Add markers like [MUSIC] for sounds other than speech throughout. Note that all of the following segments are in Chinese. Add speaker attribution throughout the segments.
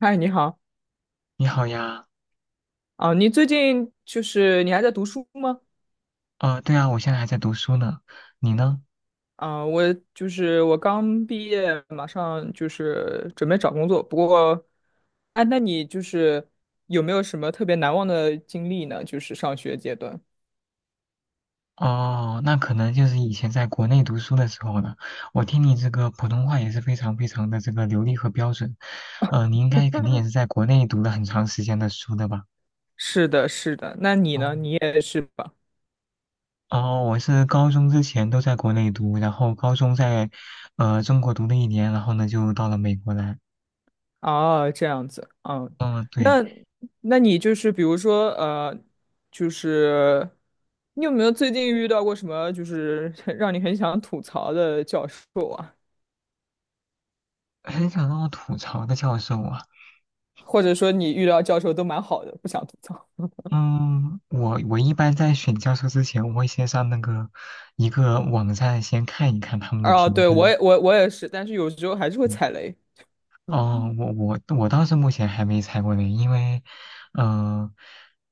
Speaker 1: 嗨，你好
Speaker 2: 你好呀。
Speaker 1: 啊！你最近就是你还在读书吗？
Speaker 2: 对啊，我现在还在读书呢，你呢？
Speaker 1: 啊，我就是我刚毕业，马上就是准备找工作。不过，哎，那你就是有没有什么特别难忘的经历呢？就是上学阶段。
Speaker 2: 哦，那可能就是以前在国内读书的时候了。我听你这个普通话也是非常非常的这个流利和标准，你应该肯定也是在国内读了很长时间的书的吧？
Speaker 1: 是的，是的。那你呢？
Speaker 2: 哦，
Speaker 1: 你也是吧？
Speaker 2: 哦，我是高中之前都在国内读，然后高中在中国读了一年，然后呢就到了美国来。
Speaker 1: 哦，这样子。嗯，
Speaker 2: 嗯，对，
Speaker 1: 那那你就是比如说就是你有没有最近遇到过什么就是 [LAUGHS] 让你很想吐槽的教授啊？
Speaker 2: 很想让我吐槽的教授啊。
Speaker 1: 或者说你遇到教授都蛮好的，不想吐槽。
Speaker 2: 嗯，我一般在选教授之前，我会先上那个一个网站先看一看他们的
Speaker 1: 啊，
Speaker 2: 评
Speaker 1: 对，我
Speaker 2: 分。
Speaker 1: 也我我也是，但是有时候还是会
Speaker 2: 嗯，
Speaker 1: 踩雷
Speaker 2: 哦，我倒是目前还没裁过呢，因为，呃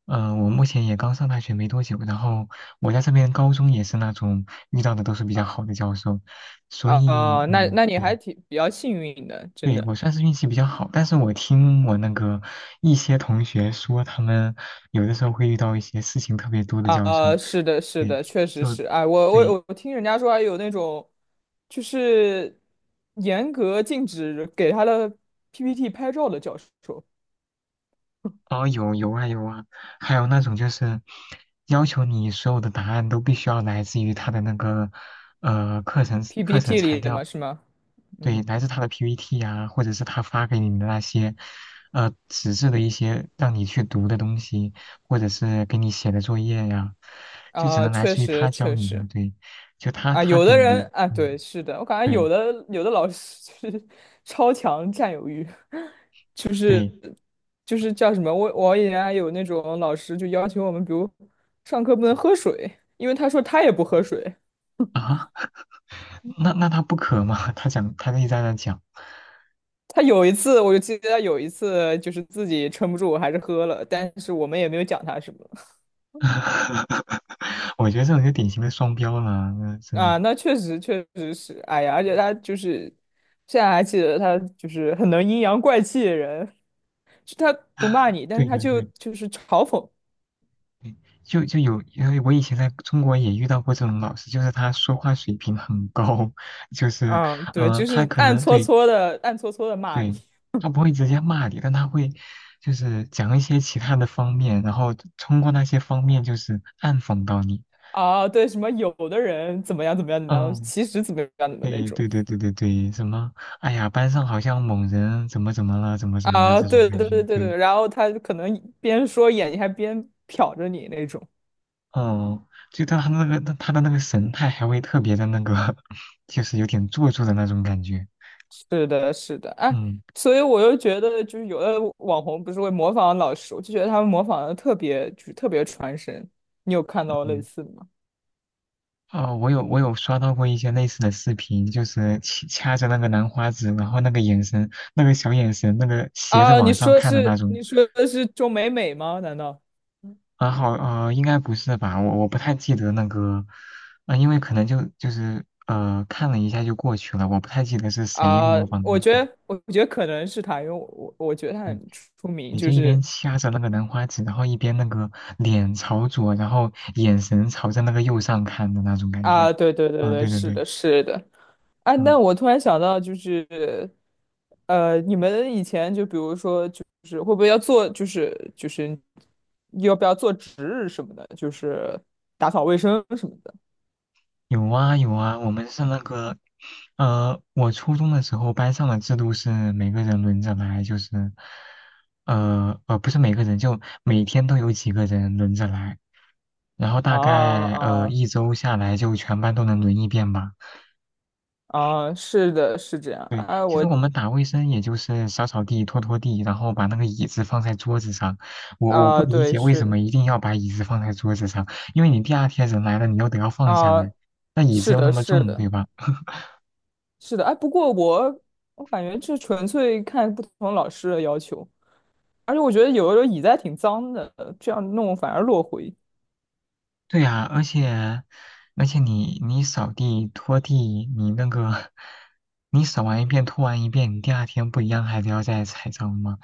Speaker 2: 我目前也刚上大学没多久，然后我在这边高中也是那种遇到的都是比较
Speaker 1: 啊
Speaker 2: 好的教授，所
Speaker 1: 啊，
Speaker 2: 以
Speaker 1: 啊那
Speaker 2: 嗯，
Speaker 1: 那你还
Speaker 2: 对，
Speaker 1: 挺比较幸运的，真
Speaker 2: 对
Speaker 1: 的
Speaker 2: 我算是运气比较好，但是我听我那个一些同学说，他们有的时候会遇到一些事情特别多的教授。
Speaker 1: 啊，是的，是
Speaker 2: 对，
Speaker 1: 的，确实
Speaker 2: 就
Speaker 1: 是，哎，我
Speaker 2: 对，
Speaker 1: 我我听人家说还有那种，就是严格禁止给他的 PPT 拍照的教授
Speaker 2: 哦，有有啊有啊，还有那种就是要求你所有的答案都必须要来自于他的那个课程
Speaker 1: ，PPT
Speaker 2: 材
Speaker 1: 里的
Speaker 2: 料，
Speaker 1: 嘛，是吗？
Speaker 2: 对，
Speaker 1: 嗯，
Speaker 2: 来自他的 PPT 呀、或者是他发给你的那些纸质的一些让你去读的东西，或者是给你写的作业呀、就只
Speaker 1: 啊，
Speaker 2: 能来
Speaker 1: 确
Speaker 2: 自于
Speaker 1: 实
Speaker 2: 他教
Speaker 1: 确
Speaker 2: 你
Speaker 1: 实，
Speaker 2: 的，对，就他
Speaker 1: 啊，
Speaker 2: 他
Speaker 1: 有
Speaker 2: 给
Speaker 1: 的
Speaker 2: 你的，
Speaker 1: 人啊，
Speaker 2: 嗯，
Speaker 1: 对，是的，我感觉
Speaker 2: 对
Speaker 1: 有的老师 [LAUGHS] 就是超强占有欲，
Speaker 2: 对
Speaker 1: 就是叫什么，我以前还有那种老师就要求我们，比如上课不能喝水，因为他说他也不喝水。
Speaker 2: 啊，那那他不可吗？[LAUGHS] 他讲他一直在那讲。
Speaker 1: 他有一次，我就记得他有一次就是自己撑不住，还是喝了，但是我们也没有讲他什么
Speaker 2: [LAUGHS] 我觉得这种就典型的双标了，那真的。
Speaker 1: 啊。那确实确实是，哎呀，而且他就是现在还记得他就是很能阴阳怪气的人，就他不骂你，但
Speaker 2: 对
Speaker 1: 是他
Speaker 2: 对
Speaker 1: 就
Speaker 2: 对，
Speaker 1: 就是嘲讽。
Speaker 2: 就有，因为我以前在中国也遇到过这种老师，就是他说话水平很高，[LAUGHS] 就是
Speaker 1: 嗯，对，就
Speaker 2: 他
Speaker 1: 是
Speaker 2: 可
Speaker 1: 暗
Speaker 2: 能
Speaker 1: 搓
Speaker 2: 对
Speaker 1: 搓的，暗搓搓的骂你
Speaker 2: 对，他不会直接骂你，但他会就是讲一些其他的方面，然后通过那些方面就是暗讽到你。
Speaker 1: 啊，对，什么有的人怎么样怎么样怎么样，
Speaker 2: 嗯，
Speaker 1: 其实怎么样怎么那
Speaker 2: 对
Speaker 1: 种
Speaker 2: 对对对对对，什么？哎呀，班上好像某人怎么怎么了，怎么怎么了
Speaker 1: 啊，
Speaker 2: 这种
Speaker 1: 对
Speaker 2: 感
Speaker 1: 对
Speaker 2: 觉，
Speaker 1: 对对
Speaker 2: 对。
Speaker 1: 对，然后他可能边说眼睛还边瞟着你那种，
Speaker 2: 哦，就他那个他的那个神态还会特别的那个，[LAUGHS] 就是有点做作的那种感觉。
Speaker 1: 是的，是的，哎，
Speaker 2: 嗯
Speaker 1: 所以我又觉得就是有的网红不是会模仿老师，我就觉得他们模仿的特别就是特别传神，你有看到类
Speaker 2: 嗯，
Speaker 1: 似的吗？
Speaker 2: 哦，我有刷到过一些类似的视频，就是掐着那个兰花指，然后那个眼神，那个小眼神，那个斜着
Speaker 1: 啊，你
Speaker 2: 往上
Speaker 1: 说
Speaker 2: 看的那
Speaker 1: 是
Speaker 2: 种。
Speaker 1: 你说的是钟美美吗？难道？
Speaker 2: 然后应该不是吧？我不太记得那个，因为可能就是看了一下就过去了，我不太记得是谁
Speaker 1: 啊、
Speaker 2: 模仿
Speaker 1: 我
Speaker 2: 的。
Speaker 1: 觉
Speaker 2: 对，
Speaker 1: 得，我觉得可能是他，因为我觉得他
Speaker 2: 对
Speaker 1: 很出名，
Speaker 2: 也
Speaker 1: 就
Speaker 2: 就一
Speaker 1: 是
Speaker 2: 边掐着那个兰花指，然后一边那个脸朝左，然后眼神朝着那个右上看的那种感觉。
Speaker 1: 啊，对对对
Speaker 2: 嗯，
Speaker 1: 对，
Speaker 2: 对对
Speaker 1: 是
Speaker 2: 对，
Speaker 1: 的，是的，啊，
Speaker 2: 嗯，
Speaker 1: 那我突然想到，就是你们以前就比如说，就是会不会要做，就是要不要做值日什么的，就是打扫卫生什么的
Speaker 2: 有啊有啊，我们是那个，我初中的时候班上的制度是每个人轮着来，就是，不是每个人，就每天都有几个人轮着来，然后
Speaker 1: 啊
Speaker 2: 大概
Speaker 1: 啊
Speaker 2: 一周下来就全班都能轮一遍吧。
Speaker 1: 啊，是的，是这样
Speaker 2: 对，
Speaker 1: 啊，
Speaker 2: 其
Speaker 1: 我
Speaker 2: 实我们打卫生也就是扫扫地、拖拖地，然后把那个椅子放在桌子上。我不
Speaker 1: 啊，
Speaker 2: 理
Speaker 1: 对，
Speaker 2: 解为
Speaker 1: 是
Speaker 2: 什
Speaker 1: 的
Speaker 2: 么一定要把椅子放在桌子上，因为你第二天人来了，你又得要放下
Speaker 1: 啊，
Speaker 2: 来，那椅子
Speaker 1: 是
Speaker 2: 又那
Speaker 1: 的，
Speaker 2: 么
Speaker 1: 是
Speaker 2: 重，
Speaker 1: 的。
Speaker 2: 对吧？[LAUGHS]
Speaker 1: 是的，哎，不过我感觉这纯粹看不同老师的要求，而且我觉得有的时候椅子还挺脏的，这样弄反而落灰。
Speaker 2: 对呀，而且你扫地拖地，你那个你扫完一遍拖完一遍，你第二天不一样还是要再踩脏吗？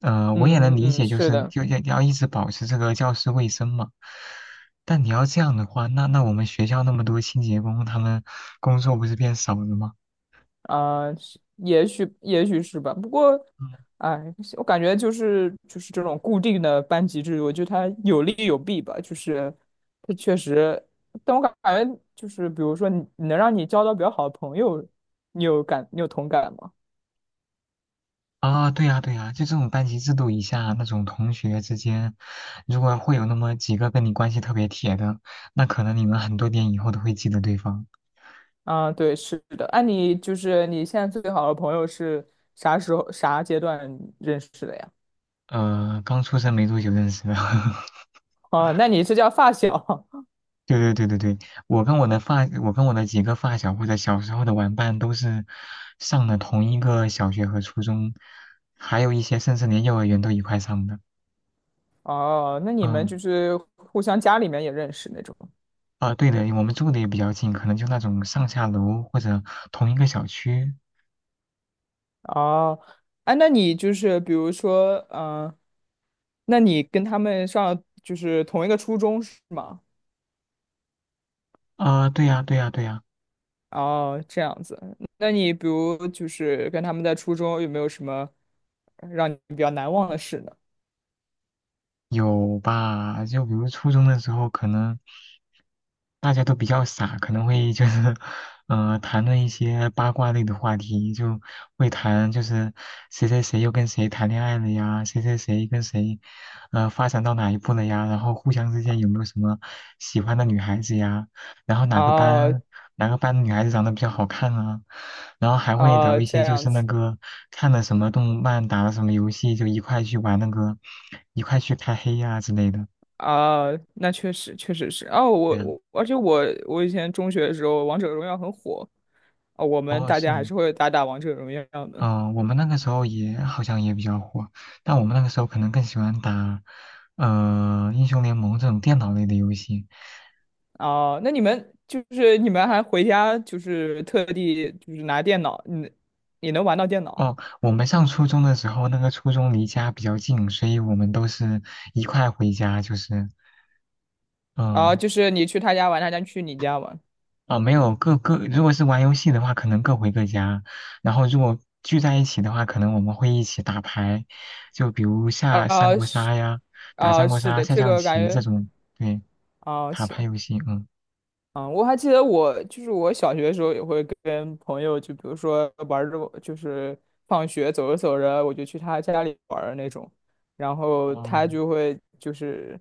Speaker 2: 我也能
Speaker 1: 嗯
Speaker 2: 理
Speaker 1: 嗯，
Speaker 2: 解，就
Speaker 1: 是
Speaker 2: 是
Speaker 1: 的，
Speaker 2: 就要一直保持这个教室卫生嘛。但你要这样的话，那我们学校那么多清洁工，他们工作不是变少了吗？
Speaker 1: 啊、是也许也许是吧。不过，
Speaker 2: 嗯，
Speaker 1: 哎，我感觉就是就是这种固定的班级制度，我觉得它有利有弊吧。就是它确实，但我感觉就是，比如说你能让你交到比较好的朋友，你有同感吗？
Speaker 2: 啊，对呀，对呀，就这种班级制度以下，那种同学之间，如果会有那么几个跟你关系特别铁的，那可能你们很多年以后都会记得对方。
Speaker 1: 啊，对，是的。哎、你就是你现在最好的朋友是啥时候、啥阶段认识的呀？
Speaker 2: 刚出生没多久认识的，[LAUGHS]
Speaker 1: 啊，那你是叫发小
Speaker 2: 对对对对对，我跟我的几个发小或者小时候的玩伴都是上了同一个小学和初中，还有一些甚至连幼儿园都一块上的。
Speaker 1: [LAUGHS] 哦？那你们
Speaker 2: 嗯，
Speaker 1: 就是互相家里面也认识那种
Speaker 2: 啊，对的，我们住的也比较近，可能就那种上下楼或者同一个小区。
Speaker 1: 哦？哎、那你就是比如说，嗯、那你跟他们上就是同一个初中是吗？
Speaker 2: 啊，对呀，对呀，对呀。
Speaker 1: 哦，这样子。那你比如就是跟他们在初中有没有什么让你比较难忘的事呢？
Speaker 2: 有吧？就比如初中的时候，可能大家都比较傻，可能会就是，嗯，谈论一些八卦类的话题，就会谈就是谁谁谁又跟谁谈恋爱了呀，谁谁谁跟谁，发展到哪一步了呀，然后互相之间有没有什么喜欢的女孩子呀，然后
Speaker 1: 哦
Speaker 2: 哪个班的女孩子长得比较好看啊，然后还会聊
Speaker 1: 哦，
Speaker 2: 一
Speaker 1: 这
Speaker 2: 些就
Speaker 1: 样
Speaker 2: 是那
Speaker 1: 子。
Speaker 2: 个看了什么动漫，打了什么游戏，就一块去玩那个，一块去开黑呀、之类的。
Speaker 1: 啊，那确实确实是哦，我
Speaker 2: 对，
Speaker 1: 我而且我以前中学的时候，王者荣耀很火，啊，我们
Speaker 2: 哦，
Speaker 1: 大
Speaker 2: 是
Speaker 1: 家还
Speaker 2: 吗？
Speaker 1: 是会打打王者荣耀的
Speaker 2: 嗯、我们那个时候也好像也比较火，但我们那个时候可能更喜欢打，英雄联盟这种电脑类的游戏。
Speaker 1: 啊。那你们还回家就是特地就是拿电脑，你能玩到电脑
Speaker 2: 哦，我们上初中的时候，那个初中离家比较近，所以我们都是一块回家，就是。
Speaker 1: 啊？
Speaker 2: 嗯，
Speaker 1: 就是你去他家玩，他家去你家玩
Speaker 2: 啊、没有各各，如果是玩游戏的话，可能各回各家；然后如果聚在一起的话，可能我们会一起打牌，就比如下三
Speaker 1: 啊
Speaker 2: 国
Speaker 1: 是
Speaker 2: 杀呀，打
Speaker 1: 啊
Speaker 2: 三国
Speaker 1: 是
Speaker 2: 杀、
Speaker 1: 的，
Speaker 2: 下
Speaker 1: 这
Speaker 2: 象
Speaker 1: 个感
Speaker 2: 棋这
Speaker 1: 觉
Speaker 2: 种，对，
Speaker 1: 啊
Speaker 2: 卡牌
Speaker 1: 行。
Speaker 2: 游戏，嗯，
Speaker 1: 嗯，我还记得我就是我小学的时候也会跟朋友，就比如说玩儿着，就是放学走着走着，我就去他家里玩儿那种，然后
Speaker 2: 哦，
Speaker 1: 他就会就是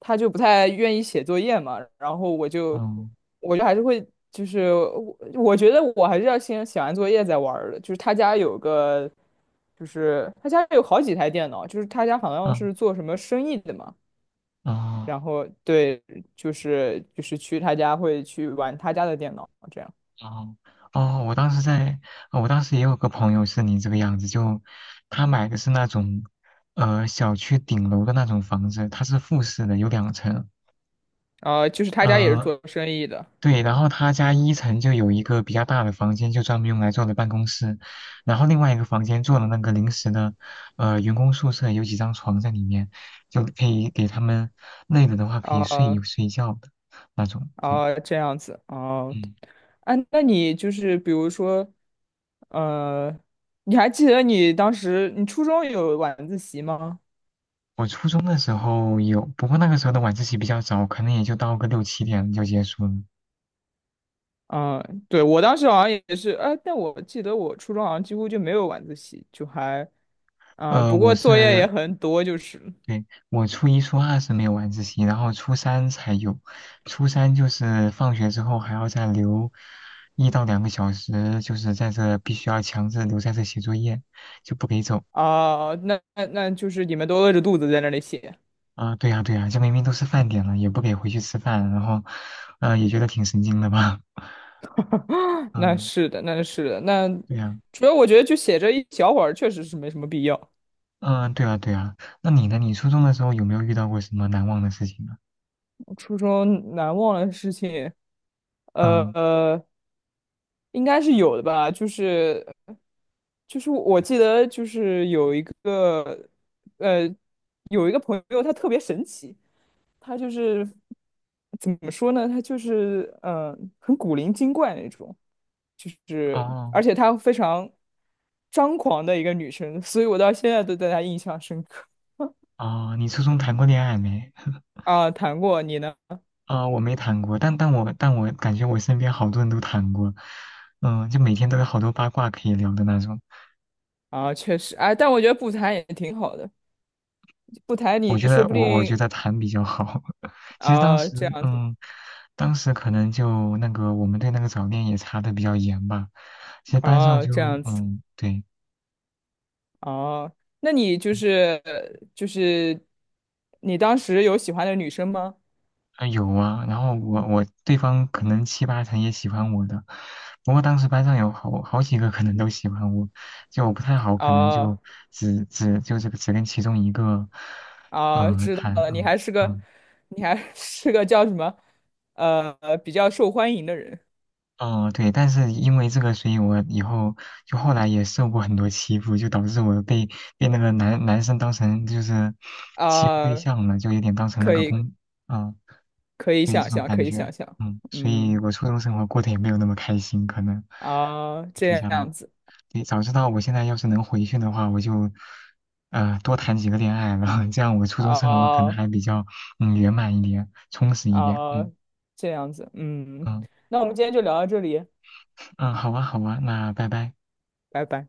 Speaker 1: 他就不太愿意写作业嘛，然后我就
Speaker 2: 嗯，
Speaker 1: 我就还是会就是我觉得我还是要先写完作业再玩儿的，就是他家有好几台电脑，就是他家好像
Speaker 2: 嗯，
Speaker 1: 是做什么生意的嘛。
Speaker 2: 哦，
Speaker 1: 然后对，就是去他家会去玩他家的电脑，这样。
Speaker 2: 哦，哦，我当时在，哦我当时也有个朋友是你这个样子，他买的是那种小区顶楼的那种房子，它是复式的，有两层，
Speaker 1: 啊、就是他家也是
Speaker 2: 呃，
Speaker 1: 做生意的。
Speaker 2: 对，然后他家一层就有一个比较大的房间，就专门用来做的办公室，然后另外一个房间做了那个临时的，员工宿舍，有几张床在里面，就可以给他们累了的话可以睡一
Speaker 1: 啊
Speaker 2: 睡觉的那种。对，
Speaker 1: 啊，这样子哦。
Speaker 2: 嗯，
Speaker 1: 啊，那你就是比如说，呃，你还记得你当时你初中有晚自习吗？
Speaker 2: 我初中的时候有，不过那个时候的晚自习比较早，可能也就到个6、7点就结束了。
Speaker 1: 嗯，对，我当时好像也是，但我记得我初中好像几乎就没有晚自习，就还，嗯、
Speaker 2: 呃，
Speaker 1: 不
Speaker 2: 我
Speaker 1: 过作业也
Speaker 2: 是
Speaker 1: 很多，就是
Speaker 2: 对，我初一、初二是没有晚自习，然后初三才有。初三就是放学之后还要再留1到2个小时，就是在这必须要强制留在这写作业，就不给走。
Speaker 1: 啊、那就是你们都饿着肚子在那里写
Speaker 2: 啊、对呀、对呀、这明明都是饭点了，也不给回去吃饭，然后，也觉得挺神经的吧？[LAUGHS]
Speaker 1: [SUCKS TEETH] 那
Speaker 2: 嗯、
Speaker 1: 是的，那是的，那
Speaker 2: 对呀、
Speaker 1: 主要我觉得就写这一小会儿确实是没什么必要。
Speaker 2: 嗯、对啊，对啊。那你呢？你初中的时候有没有遇到过什么难忘的事情呢？
Speaker 1: 我初中难忘的事情，呃
Speaker 2: 嗯、
Speaker 1: 呃，应该是有的吧，就是就是我记得就是有一个呃有一个朋友，他特别神奇，他就是怎么说呢，他就是很古灵精怪那种。是，而
Speaker 2: 哦
Speaker 1: 且她非常张狂的一个女生，所以我到现在都对她印象深刻。
Speaker 2: 哦，你初中谈过恋爱没？
Speaker 1: 啊，谈过你呢？
Speaker 2: 啊、我没谈过，但我感觉我身边好多人都谈过，嗯、就每天都有好多八卦可以聊的那种。
Speaker 1: 啊，确实，哎，但我觉得不谈也挺好的，不谈你说不
Speaker 2: 我觉
Speaker 1: 定
Speaker 2: 得谈比较好。[LAUGHS] 其实当
Speaker 1: 啊，这
Speaker 2: 时，
Speaker 1: 样子，
Speaker 2: 嗯，当时可能就那个我们对那个早恋也查的比较严吧。其实班上
Speaker 1: 啊，这
Speaker 2: 就，
Speaker 1: 样子，
Speaker 2: 嗯，对，
Speaker 1: 啊，那你就是就是你当时有喜欢的女生吗？
Speaker 2: 啊有啊，然后我对方可能七八成也喜欢我的，不过当时班上有好几个可能都喜欢我，就我不太好，可能
Speaker 1: 啊
Speaker 2: 就只只就这个只跟其中一个，
Speaker 1: 啊，知道
Speaker 2: 谈，
Speaker 1: 了，你
Speaker 2: 嗯
Speaker 1: 还是个
Speaker 2: 嗯
Speaker 1: 你还是个叫什么比较受欢迎的人
Speaker 2: 哦，对，但是因为这个，所以我以后就后来也受过很多欺负，就导致我被被那个男生当成就是欺负对
Speaker 1: 啊，
Speaker 2: 象了，就有点当成那
Speaker 1: 可
Speaker 2: 个
Speaker 1: 以。
Speaker 2: 公，嗯。
Speaker 1: 可以
Speaker 2: 对，
Speaker 1: 想
Speaker 2: 这种
Speaker 1: 象，
Speaker 2: 感
Speaker 1: 可以想
Speaker 2: 觉，
Speaker 1: 象，
Speaker 2: 嗯，所
Speaker 1: 嗯
Speaker 2: 以我初中生活过得也没有那么开心，可能
Speaker 1: 啊，这
Speaker 2: 提下来，
Speaker 1: 样子
Speaker 2: 对，早知道我现在要是能回去的话，我就多谈几个恋爱然后 [LAUGHS] 这样我初中生活可能
Speaker 1: 啊
Speaker 2: 还比较圆满一点，充实一点，
Speaker 1: 啊，
Speaker 2: 嗯
Speaker 1: 这样子，嗯，
Speaker 2: 嗯
Speaker 1: 那我们今天就聊到这里，
Speaker 2: 嗯，好啊好啊，那拜拜。
Speaker 1: 拜拜。